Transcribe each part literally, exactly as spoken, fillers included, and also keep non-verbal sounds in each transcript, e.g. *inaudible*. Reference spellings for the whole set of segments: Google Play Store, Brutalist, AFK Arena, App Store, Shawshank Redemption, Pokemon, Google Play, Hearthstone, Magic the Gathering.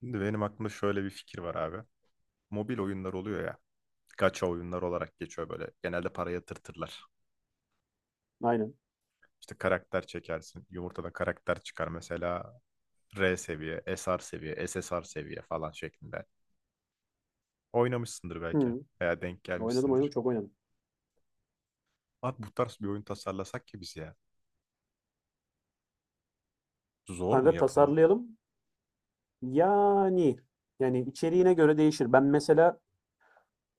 Şimdi benim aklımda şöyle bir fikir var abi. Mobil oyunlar oluyor ya. Gacha oyunlar olarak geçiyor böyle. Genelde para yatırtırlar. Aynen. İşte karakter çekersin. Yumurtadan karakter çıkar. Mesela R seviye, S R seviye, S S R seviye falan şeklinde. Oynamışsındır belki Hımm. veya denk Oynadım, oynadım, gelmişsindir. çok oynadım. Abi bu tarz bir oyun tasarlasak ki biz ya. Zor mu Kanka yapımı? tasarlayalım. Yani, yani içeriğine göre değişir. Ben mesela,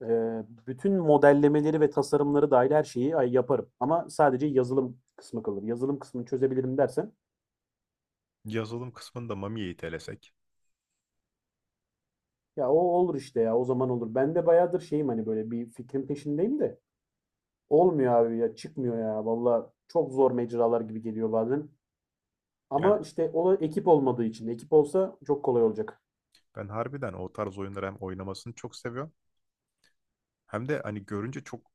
eee, Bütün modellemeleri ve tasarımları dahil her şeyi ay yaparım ama sadece yazılım kısmı kalır. Yazılım kısmını çözebilirim dersen, Yazılım kısmında Mami'yi itelesek. ya, o olur işte ya, o zaman olur. Ben de bayağıdır şeyim, hani, böyle bir fikrin peşindeyim de olmuyor abi ya, çıkmıyor ya. Valla çok zor mecralar gibi geliyor bazen Yani ama işte o ekip olmadığı için. Ekip olsa çok kolay olacak. ben harbiden o tarz oyunları hem oynamasını çok seviyorum, hem de hani görünce çok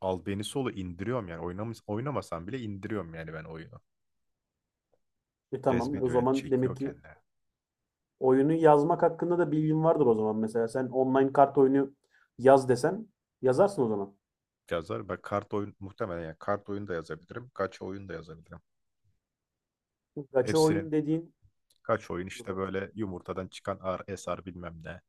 albenisi olu indiriyorum yani. Oynamış, oynamasam bile indiriyorum yani ben oyunu. E, tamam, o Cezbediyor yani zaman demek çekiyor ki kendine. oyunu yazmak hakkında da bilgin vardır o zaman mesela. Sen online kart oyunu yaz desen yazarsın o zaman. Yazar ben kart oyun muhtemelen, yani kart oyunu da yazabilirim. Kaç oyun da yazabilirim. Gacha Hepsinin oyun dediğin kaç oyun dur işte bakayım. böyle yumurtadan çıkan ar esar bilmem ne.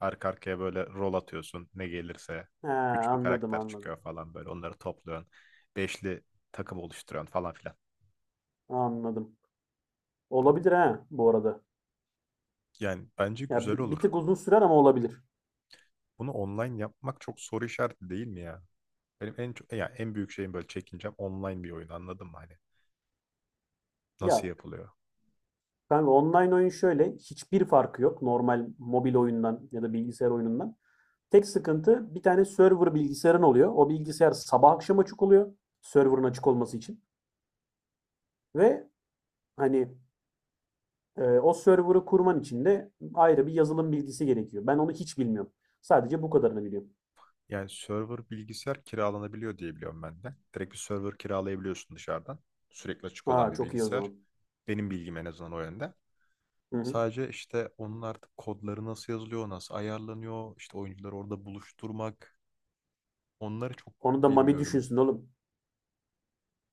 Arka arkaya böyle rol atıyorsun ne gelirse. He, Güçlü anladım karakter anladım. çıkıyor falan böyle onları topluyorsun. Beşli takım oluşturuyorsun falan filan. Anladım. Olabilir ha bu arada. Yani bence Ya güzel bi- bir olur. tık uzun sürer ama olabilir. Bunu online yapmak çok soru işareti değil mi ya? Benim en çok yani en büyük şeyim böyle çekincem online bir oyun, anladın mı hani? Ya Nasıl yapılıyor? kanka online oyun şöyle hiçbir farkı yok normal mobil oyundan ya da bilgisayar oyunundan. Tek sıkıntı bir tane server bilgisayarın oluyor. O bilgisayar sabah akşam açık oluyor. Server'ın açık olması için. Ve hani, Ee, o server'ı kurman için de ayrı bir yazılım bilgisi gerekiyor. Ben onu hiç bilmiyorum. Sadece bu kadarını biliyorum. Yani server bilgisayar kiralanabiliyor diye biliyorum ben de. Direkt bir server kiralayabiliyorsun dışarıdan. Sürekli açık olan Aa, bir çok iyi o bilgisayar. zaman. Benim bilgim en azından o yönde. Hı hı. Sadece işte onun artık kodları nasıl yazılıyor, nasıl ayarlanıyor, işte oyuncuları orada buluşturmak. Onları çok Onu da Mami bilmiyorum. düşünsün oğlum.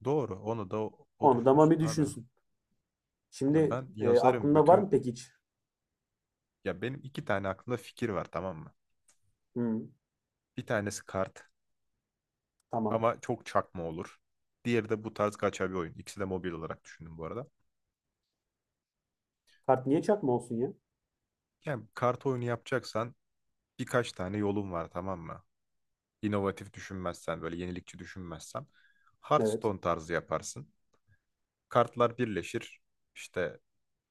Doğru, onu da o, o Onu da düşünsün Mami abi. düşünsün. Ya Şimdi ben e, yazarım aklında var mı bütün, peki hiç? ya benim iki tane aklımda fikir var, tamam mı? Hı, Bir tanesi kart. tamam. Ama çok çakma olur. Diğeri de bu tarz gacha bir oyun. İkisi de mobil olarak düşündüm bu arada. Kart niye çakma olsun ya? Yani kart oyunu yapacaksan birkaç tane yolun var, tamam mı? İnovatif düşünmezsen, böyle yenilikçi düşünmezsen Evet. Hearthstone tarzı yaparsın. Kartlar birleşir. İşte,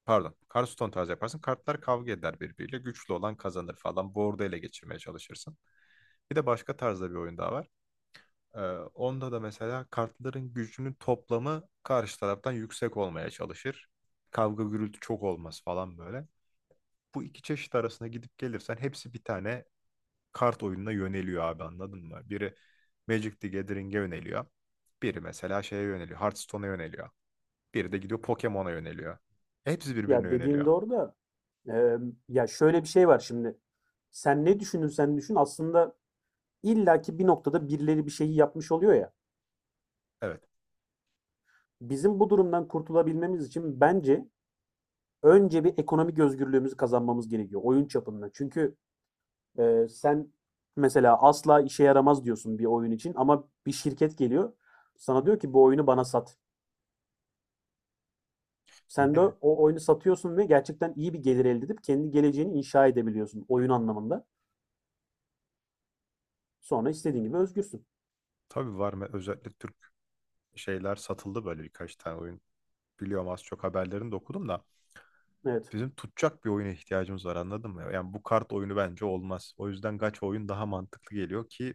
pardon, Hearthstone tarzı yaparsın. Kartlar kavga eder birbiriyle. Güçlü olan kazanır falan. Board'u ele geçirmeye çalışırsın. Bir de başka tarzda bir oyun daha var. Ee, Onda da mesela kartların gücünün toplamı karşı taraftan yüksek olmaya çalışır. Kavga gürültü çok olmaz falan böyle. Bu iki çeşit arasına gidip gelirsen hepsi bir tane kart oyununa yöneliyor abi, anladın mı? Biri Magic the Gathering'e yöneliyor. Biri mesela şeye yöneliyor, Hearthstone'a yöneliyor. Biri de gidiyor Pokemon'a yöneliyor. Hepsi birbirine Ya dediğin yöneliyor. doğru da e, ya şöyle bir şey var şimdi. Sen ne düşünürsen düşün aslında illaki bir noktada birileri bir şeyi yapmış oluyor ya. Evet. Bizim bu durumdan kurtulabilmemiz için bence önce bir ekonomik özgürlüğümüzü kazanmamız gerekiyor oyun çapında. Çünkü e, sen mesela asla işe yaramaz diyorsun bir oyun için ama bir şirket geliyor sana diyor ki bu oyunu bana sat. Sen de Yani o oyunu satıyorsun ve gerçekten iyi bir gelir elde edip kendi geleceğini inşa edebiliyorsun oyun anlamında. Sonra istediğin gibi özgürsün. tabii var mı, özellikle Türk şeyler satıldı böyle birkaç tane oyun. Biliyorum, az çok haberlerini de okudum da. Evet. Bizim tutacak bir oyuna ihtiyacımız var, anladın mı? Yani bu kart oyunu bence olmaz. O yüzden gacha oyun daha mantıklı geliyor ki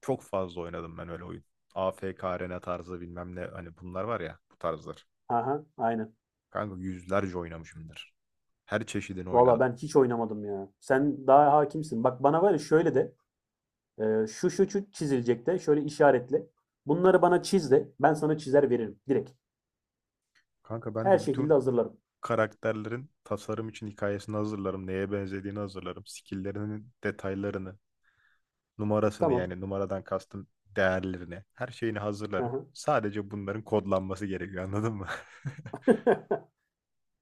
çok fazla oynadım ben öyle oyun. A F K Arena tarzı bilmem ne, hani bunlar var ya bu tarzlar. Aha, aynen. Kanka yüzlerce oynamışımdır. Her çeşidini Valla oynadım. ben hiç oynamadım ya. Sen daha hakimsin. Bak bana var ya şöyle de, e, şu şu şu çizilecek de şöyle işaretle. Bunları bana çiz de ben sana çizer veririm direkt. Kanka ben Her de şekilde bütün hazırlarım. karakterlerin tasarım için hikayesini hazırlarım. Neye benzediğini hazırlarım. Skill'lerinin detaylarını, numarasını, Tamam. yani numaradan kastım değerlerini, her şeyini hazırlarım. *laughs* Sadece bunların kodlanması gerekiyor, anladın mı? *laughs*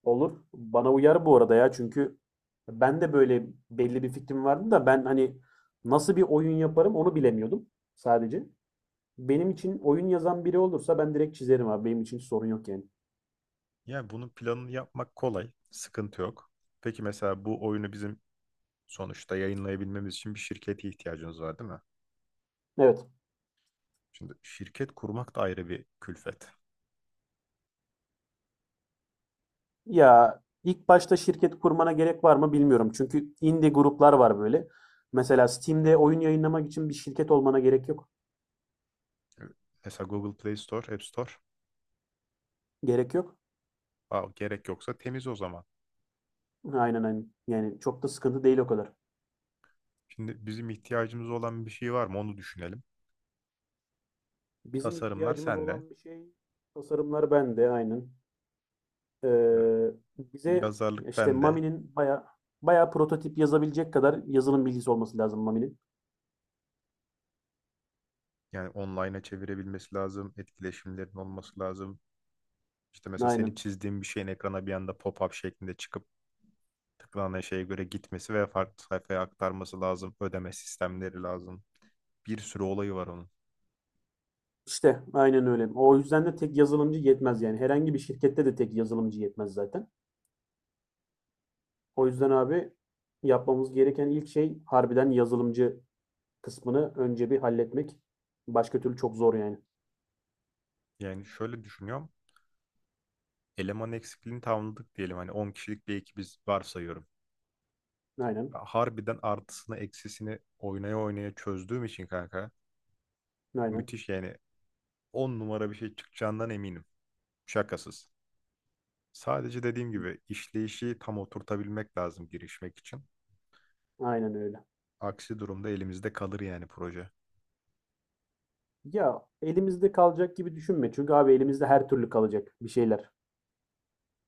Olur. Bana uyar bu arada ya, çünkü ben de böyle belli bir fikrim vardı da ben hani nasıl bir oyun yaparım onu bilemiyordum sadece. Benim için oyun yazan biri olursa ben direkt çizerim abi. Benim için sorun yok yani. Yani bunun planını yapmak kolay, sıkıntı yok. Peki mesela bu oyunu bizim sonuçta yayınlayabilmemiz için bir şirkete ihtiyacımız var, değil mi? Evet. Şimdi şirket kurmak da ayrı bir külfet. Ya ilk başta şirket kurmana gerek var mı bilmiyorum. Çünkü indie gruplar var böyle. Mesela Steam'de oyun yayınlamak için bir şirket olmana gerek yok. Mesela Google Play Store, App Store, Gerek yok. aa, gerek yoksa temiz o zaman. Aynen, aynen. Yani çok da sıkıntı değil o kadar. Şimdi bizim ihtiyacımız olan bir şey var mı onu düşünelim. Bizim Tasarımlar ihtiyacımız sende, olan bir şey tasarımlar bende, aynen. evet, Ee, bize yazarlık işte bende. Mami'nin baya baya prototip yazabilecek kadar yazılım bilgisi olması lazım Mami'nin. Yani online'a çevirebilmesi lazım, etkileşimlerin olması lazım. İşte mesela senin Aynen. çizdiğin bir şeyin ekrana bir anda pop-up şeklinde çıkıp tıklanan şeye göre gitmesi ve farklı sayfaya aktarması lazım. Ödeme sistemleri lazım. Bir sürü olayı var onun. İşte aynen öyle. O yüzden de tek yazılımcı yetmez yani. Herhangi bir şirkette de tek yazılımcı yetmez zaten. O yüzden abi yapmamız gereken ilk şey harbiden yazılımcı kısmını önce bir halletmek. Başka türlü çok zor yani. Yani şöyle düşünüyorum. Eleman eksikliğini tamamladık diyelim. Hani on kişilik bir ekibiz varsayıyorum. Aynen. Harbiden artısını eksisini oynaya oynaya çözdüğüm için kanka Aynen. müthiş, yani on numara bir şey çıkacağından eminim. Şakasız. Sadece dediğim gibi işleyişi tam oturtabilmek lazım girişmek için. Aynen öyle. Aksi durumda elimizde kalır yani proje. Ya elimizde kalacak gibi düşünme. Çünkü abi elimizde her türlü kalacak bir şeyler.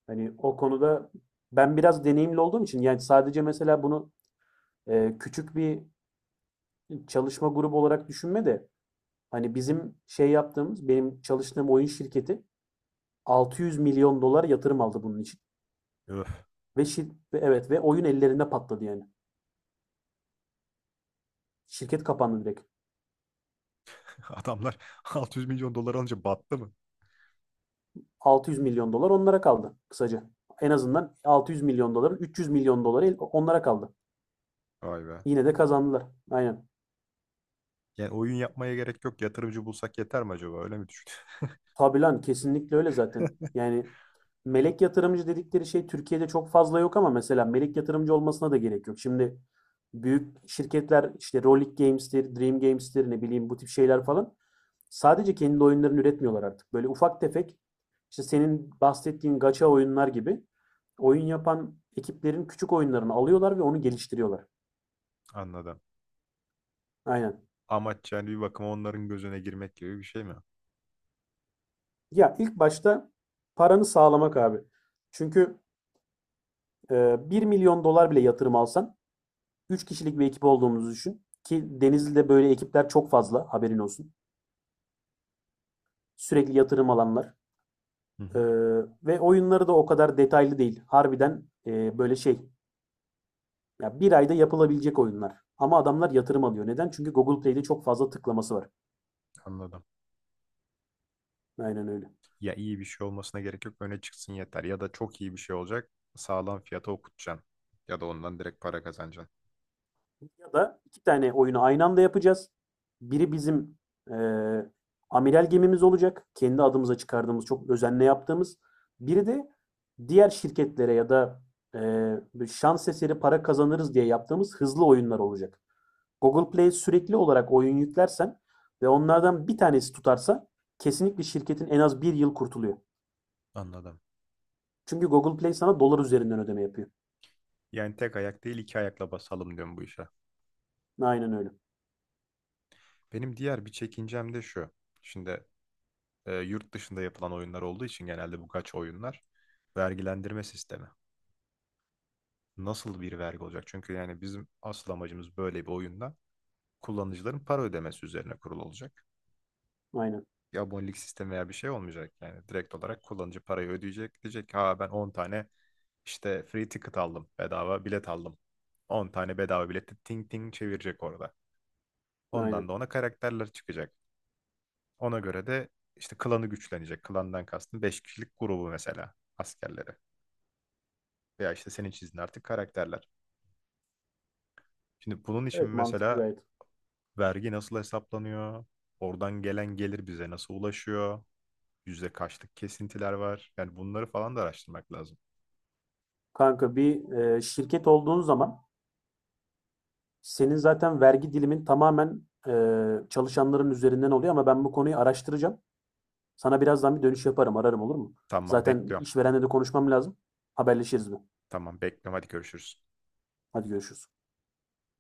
Hani o konuda ben biraz deneyimli olduğum için, yani sadece mesela bunu, e, küçük bir çalışma grubu olarak düşünme de hani bizim şey yaptığımız benim çalıştığım oyun şirketi altı yüz milyon dolar yatırım aldı bunun için. Öf. Ve şir- ve evet ve oyun ellerinde patladı yani. Şirket kapandı direkt. *laughs* Adamlar altı yüz milyon dolar alınca battı mı? altı yüz milyon dolar onlara kaldı kısaca. En azından altı yüz milyon doların üç yüz milyon doları el- onlara kaldı. Vay be. Yine de kazandılar. Aynen. Yani oyun yapmaya gerek yok. Yatırımcı bulsak yeter mi acaba? Öyle mi düşündün? Tabii lan, kesinlikle öyle zaten. *laughs* Yani melek yatırımcı dedikleri şey Türkiye'de çok fazla yok ama mesela melek yatırımcı olmasına da gerek yok. Şimdi büyük şirketler işte Rolik Games'tir, Dream Games'tir, ne bileyim bu tip şeyler falan, sadece kendi oyunlarını üretmiyorlar artık. Böyle ufak tefek işte senin bahsettiğin gacha oyunlar gibi oyun yapan ekiplerin küçük oyunlarını alıyorlar ve onu geliştiriyorlar. Anladım. Aynen. Amaç yani bir bakıma onların gözüne girmek gibi bir şey mi? Ya ilk başta paranı sağlamak abi. Çünkü e, bir milyon dolar bile yatırım alsan üç kişilik bir ekip olduğumuzu düşün. Ki Denizli'de böyle ekipler çok fazla, haberin olsun. Sürekli yatırım alanlar. Hı Ee, hı, ve oyunları da o kadar detaylı değil. Harbiden, e, böyle şey. Ya bir ayda yapılabilecek oyunlar. Ama adamlar yatırım alıyor. Neden? Çünkü Google Play'de çok fazla tıklaması var. anladım. Aynen öyle. Ya iyi bir şey olmasına gerek yok. Öne çıksın yeter. Ya da çok iyi bir şey olacak. Sağlam fiyata okutacaksın. Ya da ondan direkt para kazanacaksın. Ya da iki tane oyunu aynı anda yapacağız. Biri bizim eee amiral gemimiz olacak. Kendi adımıza çıkardığımız, çok özenle yaptığımız. Biri de diğer şirketlere ya da eee, şans eseri para kazanırız diye yaptığımız hızlı oyunlar olacak. Google Play sürekli olarak oyun yüklersen ve onlardan bir tanesi tutarsa kesinlikle şirketin en az bir yıl kurtuluyor. Anladım. Çünkü Google Play sana dolar üzerinden ödeme yapıyor. Yani tek ayak değil iki ayakla basalım diyorum bu işe. Aynen öyle. Benim diğer bir çekincem de şu. Şimdi e, yurt dışında yapılan oyunlar olduğu için genelde bu kaç oyunlar vergilendirme sistemi, nasıl bir vergi olacak? Çünkü yani bizim asıl amacımız böyle bir oyunda kullanıcıların para ödemesi üzerine kurulu olacak. Aynen. Bir abonelik sistemi veya bir şey olmayacak. Yani direkt olarak kullanıcı parayı ödeyecek. Diyecek, ha ben on tane işte free ticket aldım. Bedava bilet aldım. on tane bedava bileti ting ting çevirecek orada. Ondan Aynen. da ona karakterler çıkacak. Ona göre de işte klanı güçlenecek. Klandan kastım beş kişilik grubu, mesela askerleri. Veya işte senin çizdiğin artık karakterler. Şimdi bunun için Evet, mantıklı mesela gayet. vergi nasıl hesaplanıyor? Oradan gelen gelir bize nasıl ulaşıyor? Yüzde kaçlık kesintiler var? Yani bunları falan da araştırmak lazım. Kanka bir e, şirket olduğun zaman senin zaten vergi dilimin tamamen, e, çalışanların üzerinden oluyor ama ben bu konuyu araştıracağım. Sana birazdan bir dönüş yaparım, ararım, olur mu? Tamam, Zaten bekliyorum. işverenle de konuşmam lazım. Haberleşiriz mi? Tamam, bekliyorum. Hadi görüşürüz. Hadi görüşürüz.